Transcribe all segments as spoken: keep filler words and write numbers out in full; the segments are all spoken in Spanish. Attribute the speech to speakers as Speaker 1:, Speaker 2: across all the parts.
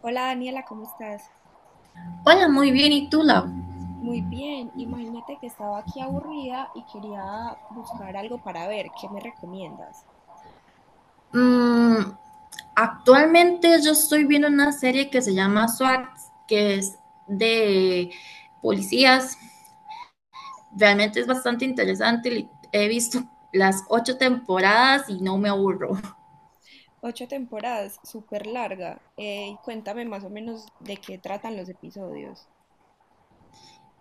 Speaker 1: Hola Daniela, ¿cómo estás?
Speaker 2: Hola, muy bien. ¿Y tú, Lau?
Speaker 1: Muy bien, imagínate que estaba aquí aburrida y quería buscar algo para ver, ¿qué me recomiendas?
Speaker 2: Mm, actualmente yo estoy viendo una serie que se llama SWAT, que es de policías. Realmente es bastante interesante. li- He visto las ocho temporadas y no me aburro.
Speaker 1: Ocho temporadas, súper larga, eh, y cuéntame más o menos de qué tratan los episodios.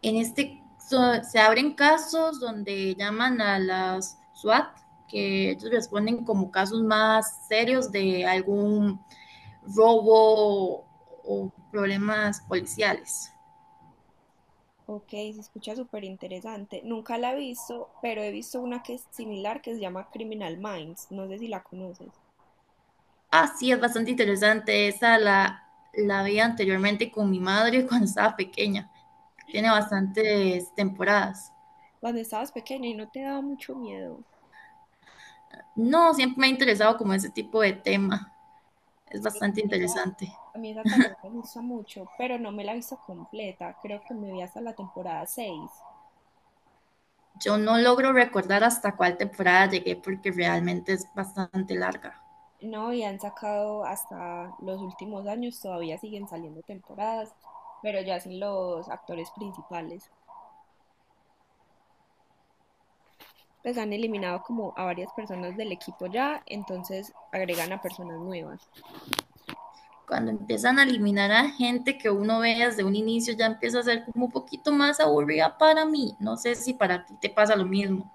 Speaker 2: En este so- se abren casos donde llaman a las SWAT, que ellos responden como casos más serios de algún robo o problemas policiales.
Speaker 1: Ok, se escucha súper interesante. Nunca la he visto, pero he visto una que es similar que se llama Criminal Minds, no sé si la conoces.
Speaker 2: Así es bastante interesante. Esa la, la vi anteriormente con mi madre cuando estaba pequeña. Tiene bastantes temporadas.
Speaker 1: Cuando estabas pequeña y no te daba mucho miedo.
Speaker 2: No, siempre me ha interesado como ese tipo de tema. Es
Speaker 1: Sí, a mí
Speaker 2: bastante
Speaker 1: esa,
Speaker 2: interesante.
Speaker 1: a mí esa también me gusta mucho, pero no me la he visto completa. Creo que me vi hasta la temporada seis.
Speaker 2: Yo no logro recordar hasta cuál temporada llegué porque realmente es bastante larga.
Speaker 1: No, y han sacado hasta los últimos años, todavía siguen saliendo temporadas, pero ya sin los actores principales. Pues han eliminado como a varias personas del equipo ya, entonces agregan a personas nuevas.
Speaker 2: Cuando empiezan a eliminar a gente que uno ve desde un inicio, ya empieza a ser como un poquito más aburrida para mí. No sé si para ti te pasa lo mismo.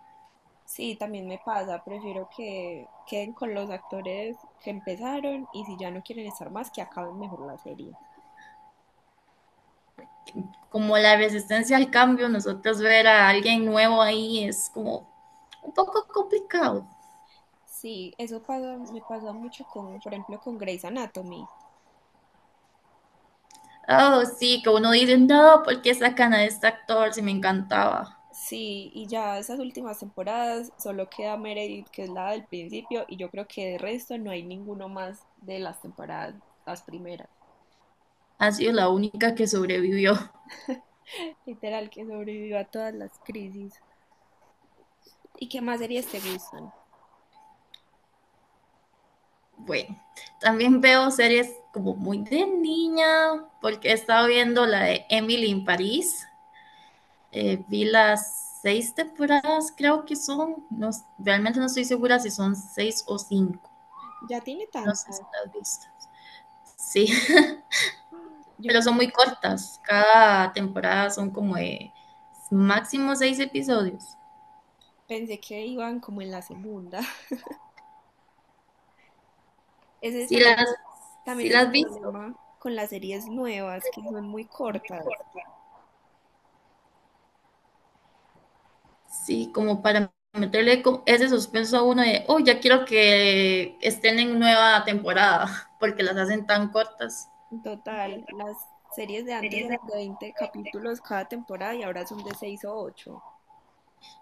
Speaker 1: Sí, también me pasa, prefiero que queden con los actores que empezaron y si ya no quieren estar más, que acaben mejor la serie.
Speaker 2: Como la resistencia al cambio, nosotros ver a alguien nuevo ahí es como un poco complicado.
Speaker 1: Sí, eso pasa, me pasa mucho con, por ejemplo, con Grey's Anatomy.
Speaker 2: Oh, sí, que uno dice, no, ¿por qué sacan a este actor si me encantaba?
Speaker 1: Sí, y ya esas últimas temporadas solo queda Meredith, que es la del principio, y yo creo que de resto no hay ninguno más de las temporadas, las primeras.
Speaker 2: Ha sido la única que sobrevivió.
Speaker 1: Literal, que sobrevivió a todas las crisis. ¿Y qué más series te gustan?
Speaker 2: Bueno, también veo series como muy de niña, porque he estado viendo la de Emily en París. Eh, vi las seis temporadas, creo que son. No, s- realmente no estoy segura si son seis o cinco.
Speaker 1: Ya tiene
Speaker 2: No sé si
Speaker 1: tantas.
Speaker 2: las has visto. Sí,
Speaker 1: Yo
Speaker 2: pero
Speaker 1: pensé,
Speaker 2: son muy cortas. Cada temporada son como de máximo seis episodios.
Speaker 1: pensé que iban como en la segunda. Ese
Speaker 2: Si
Speaker 1: también,
Speaker 2: las, si
Speaker 1: también es
Speaker 2: las
Speaker 1: el
Speaker 2: has visto,
Speaker 1: problema con las series nuevas, que son muy cortas.
Speaker 2: sí, como para meterle co- ese suspenso a uno de, oh, ya quiero que estén en nueva temporada, porque las hacen tan cortas
Speaker 1: Total, las series de antes eran de veinte capítulos cada temporada y ahora son de seis o ocho.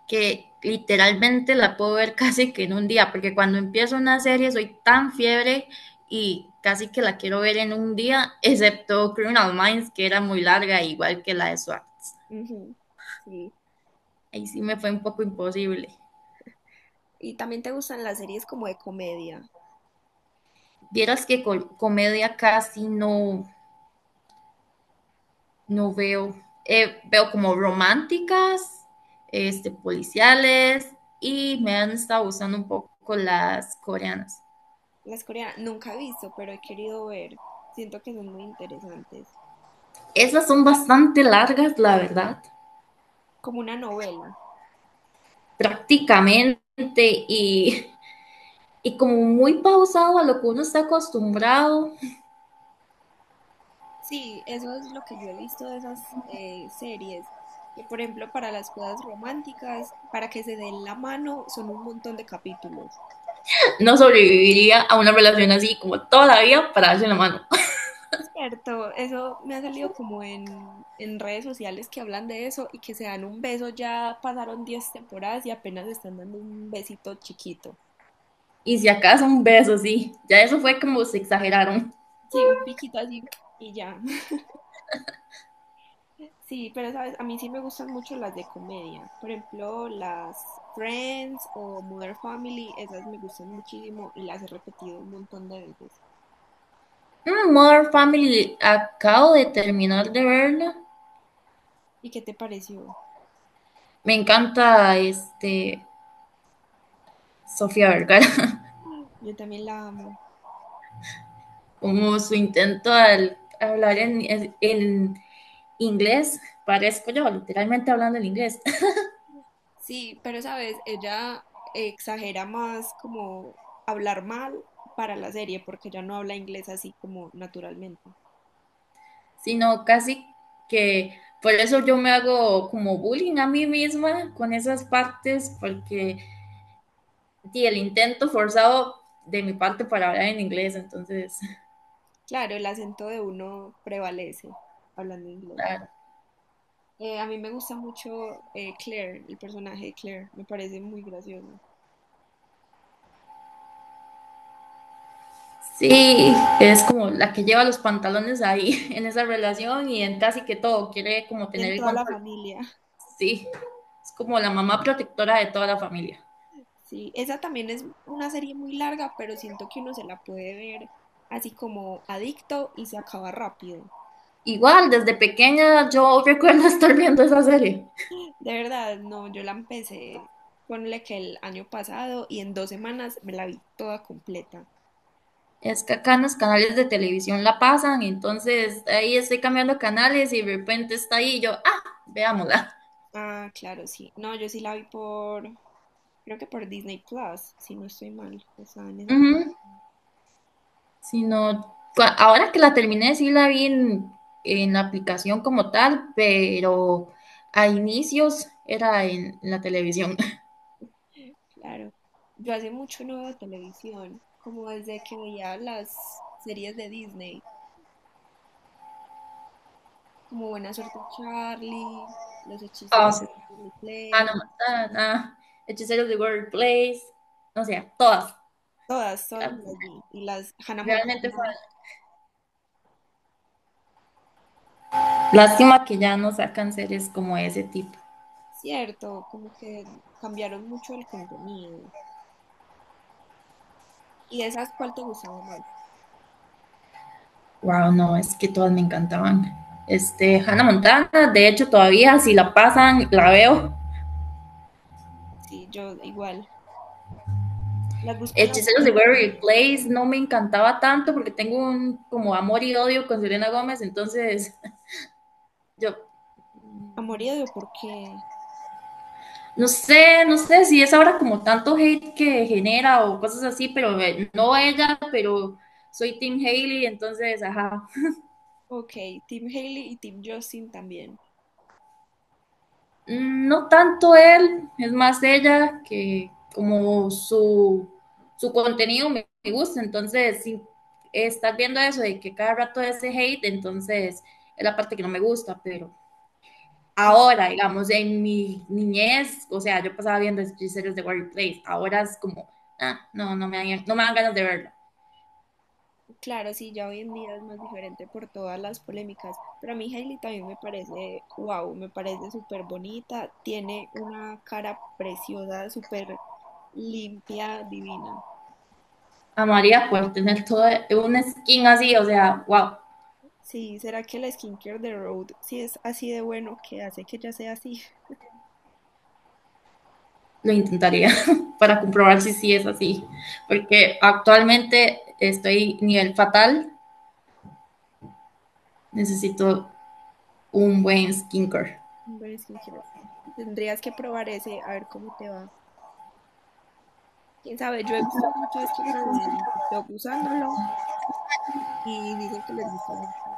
Speaker 2: que literalmente la puedo ver casi que en un día, porque cuando empiezo una serie soy tan fiebre y casi que la quiero ver en un día, excepto Criminal Minds, que era muy larga, igual que la de SWAT.
Speaker 1: Ujú. Sí.
Speaker 2: Ahí sí me fue un poco imposible.
Speaker 1: ¿Y también te gustan las series como de comedia?
Speaker 2: Vieras que comedia casi no, no veo. Eh, veo como románticas, este, policiales y me han estado gustando un poco las coreanas.
Speaker 1: Las coreanas nunca he visto, pero he querido ver. Siento que son muy interesantes.
Speaker 2: Esas son bastante largas, la verdad,
Speaker 1: Como una novela.
Speaker 2: prácticamente, y, y como muy pausado a lo que uno está acostumbrado.
Speaker 1: Sí, eso es lo que yo he visto de esas eh, series. Que, por ejemplo, para las cosas románticas, para que se den la mano, son un montón de capítulos.
Speaker 2: No sobreviviría a una relación así como toda la vida para darse la mano.
Speaker 1: Cierto, eso me ha salido como en, en redes sociales que hablan de eso y que se dan un beso, ya pasaron diez temporadas y apenas están dando un besito chiquito.
Speaker 2: Y si acaso un beso, sí. Ya eso fue como se exageraron.
Speaker 1: Sí, un piquito así y ya. Sí, pero sabes, a mí sí me gustan mucho las de comedia. Por ejemplo, las Friends o Modern Family, esas me gustan muchísimo y las he repetido un montón de veces.
Speaker 2: Mm, Modern Family, acabo de terminar de verla.
Speaker 1: ¿Y qué te pareció?
Speaker 2: Me encanta este Sofía Vergara,
Speaker 1: Yo también la amo.
Speaker 2: como su intento al hablar en, en- en inglés, parezco yo, literalmente hablando en inglés,
Speaker 1: Sí, pero sabes, ella exagera más como hablar mal para la serie porque ella no habla inglés así como naturalmente.
Speaker 2: sino casi que por eso yo me hago como bullying a mí misma con esas partes, porque di, el intento forzado de mi parte para hablar en inglés, entonces
Speaker 1: Claro, el acento de uno prevalece hablando inglés. Eh, a mí me gusta mucho eh, Claire, el personaje de Claire, me parece muy gracioso.
Speaker 2: Sí, es como la que lleva los pantalones ahí en esa relación y en casi que todo, quiere como
Speaker 1: Y
Speaker 2: tener
Speaker 1: en
Speaker 2: el
Speaker 1: toda la
Speaker 2: control.
Speaker 1: familia.
Speaker 2: Sí, es como la mamá protectora de toda la familia.
Speaker 1: Sí, esa también es una serie muy larga, pero siento que uno se la puede ver así como adicto y se acaba rápido.
Speaker 2: Igual, desde pequeña yo recuerdo estar viendo esa serie.
Speaker 1: De verdad, no, yo la empecé, ponle que el año pasado y en dos semanas me la vi toda completa.
Speaker 2: Es que acá en los canales de televisión la pasan, entonces ahí estoy cambiando canales y de repente está ahí y yo, ah, veámosla.
Speaker 1: Ah, claro, sí. No, yo sí la vi por, creo que por Disney Plus, si no estoy mal, estaba en esa
Speaker 2: Ujú.
Speaker 1: plataforma.
Speaker 2: Sino cua- ahora que la terminé, sí la vi en, en la aplicación como tal, pero a inicios era en la televisión.
Speaker 1: Claro. Yo hace mucho no veo televisión, como desde que veía las series de Disney, como Buena Suerte Charlie, Los Hechiceros
Speaker 2: Ah, sí.
Speaker 1: de Waverly
Speaker 2: Hannah
Speaker 1: Place,
Speaker 2: Montana, Hechiceros de World Place, no sea todas.
Speaker 1: todas, todas
Speaker 2: Era-
Speaker 1: me las vi, y las Hannah
Speaker 2: Realmente fue.
Speaker 1: Montana.
Speaker 2: Lástima que ya no sacan series como ese tipo.
Speaker 1: Cierto, como que cambiaron mucho el contenido. ¿Y de esas cuál te gustaba más?
Speaker 2: Wow, no, es que todas me encantaban. Este, Hannah Montana, de hecho, todavía si la pasan, la veo.
Speaker 1: Sí, yo igual. Las busco en las
Speaker 2: Hechiceros de Waverly
Speaker 1: aplicaciones.
Speaker 2: Place no me encantaba tanto porque tengo un como amor y odio con Selena Gómez, entonces yo
Speaker 1: A morir de por qué.
Speaker 2: no sé, no sé si es ahora como tanto hate que genera o cosas así, pero eh, no ella, pero soy Team Haley, entonces, ajá,
Speaker 1: Ok, Team Hailey y Team Justin también.
Speaker 2: Mm, no tanto él, es más ella que como su, su contenido me, me gusta, entonces si estás viendo eso de que cada rato ese hate, entonces es la parte que no me gusta, pero
Speaker 1: Ah,
Speaker 2: ahora, digamos, en mi niñez, o sea, yo pasaba viendo series de Warrior Place. Ahora es como, ah, no, no me, dan, no me dan ganas de verla.
Speaker 1: claro, sí, ya hoy en día es más diferente por todas las polémicas. Pero a mí Hailey también me parece, wow, me parece súper bonita. Tiene una cara preciosa, súper limpia, divina.
Speaker 2: Amaría poder tener todo un skin así, o sea, wow,
Speaker 1: Sí, ¿será que la skincare de Road sí es así de bueno que hace que ella sea así?
Speaker 2: lo intentaría para comprobar si sí es así. Porque actualmente estoy nivel fatal, necesito un buen skincare.
Speaker 1: Un buen skincare. Tendrías que probar ese, a ver cómo te va. Quién sabe, yo he visto muchas chicas en TikTok usándolo y dicen que les gustó mucho.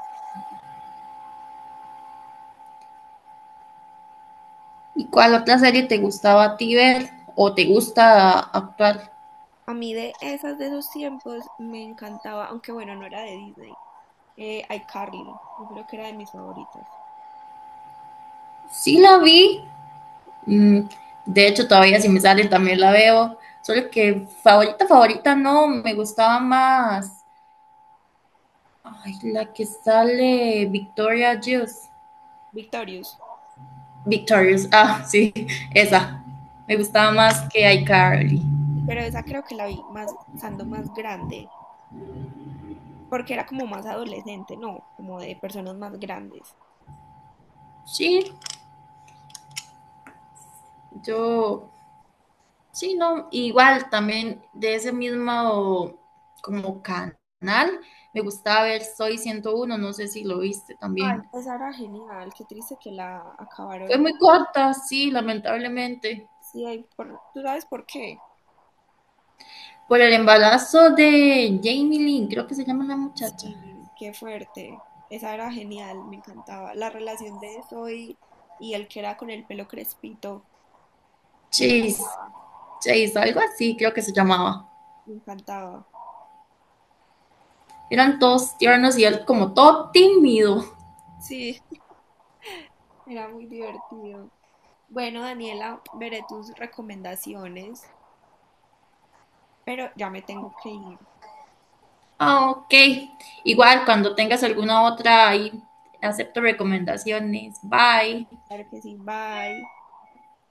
Speaker 2: ¿Y cuál otra serie te gustaba a ti ver o te gusta actuar?
Speaker 1: A mí de esas de esos tiempos me encantaba, aunque bueno, no era de Disney. Eh, iCarly, yo creo que era de mis favoritas.
Speaker 2: Sí la vi. Mm, de hecho, todavía si me sale también la veo. Solo que favorita, favorita no, me gustaba más. Ay, la que sale Victoria Juice.
Speaker 1: Victorious.
Speaker 2: Victorious, ah, sí, esa. Me gustaba
Speaker 1: Sí,
Speaker 2: más que iCarly.
Speaker 1: pero esa creo que la vi más, estando más grande, porque era como más adolescente, no, como de personas más grandes.
Speaker 2: Sí, yo, sí, no, igual también de ese mismo como canal, me gustaba ver Soy ciento uno, no sé si lo viste
Speaker 1: Ay,
Speaker 2: también.
Speaker 1: esa era genial, qué triste que la
Speaker 2: Fue
Speaker 1: acabaron.
Speaker 2: muy corta, sí, lamentablemente.
Speaker 1: Sí, ahí por, ¿tú sabes por qué?
Speaker 2: Por el embarazo de Jamie Lynn, creo que se llama la muchacha.
Speaker 1: Sí, qué fuerte. Esa era genial, me encantaba. La relación de Zoe y el que era con el pelo crespito, me
Speaker 2: Chase,
Speaker 1: encantaba,
Speaker 2: Chase, algo así creo que se llamaba.
Speaker 1: me encantaba.
Speaker 2: Eran todos tiernos y él como todo tímido.
Speaker 1: Sí, era muy divertido. Bueno, Daniela, veré tus recomendaciones, pero ya me tengo que ir.
Speaker 2: Ah, ok. Igual, cuando tengas alguna otra ahí, acepto recomendaciones. Bye.
Speaker 1: Claro que sí, bye.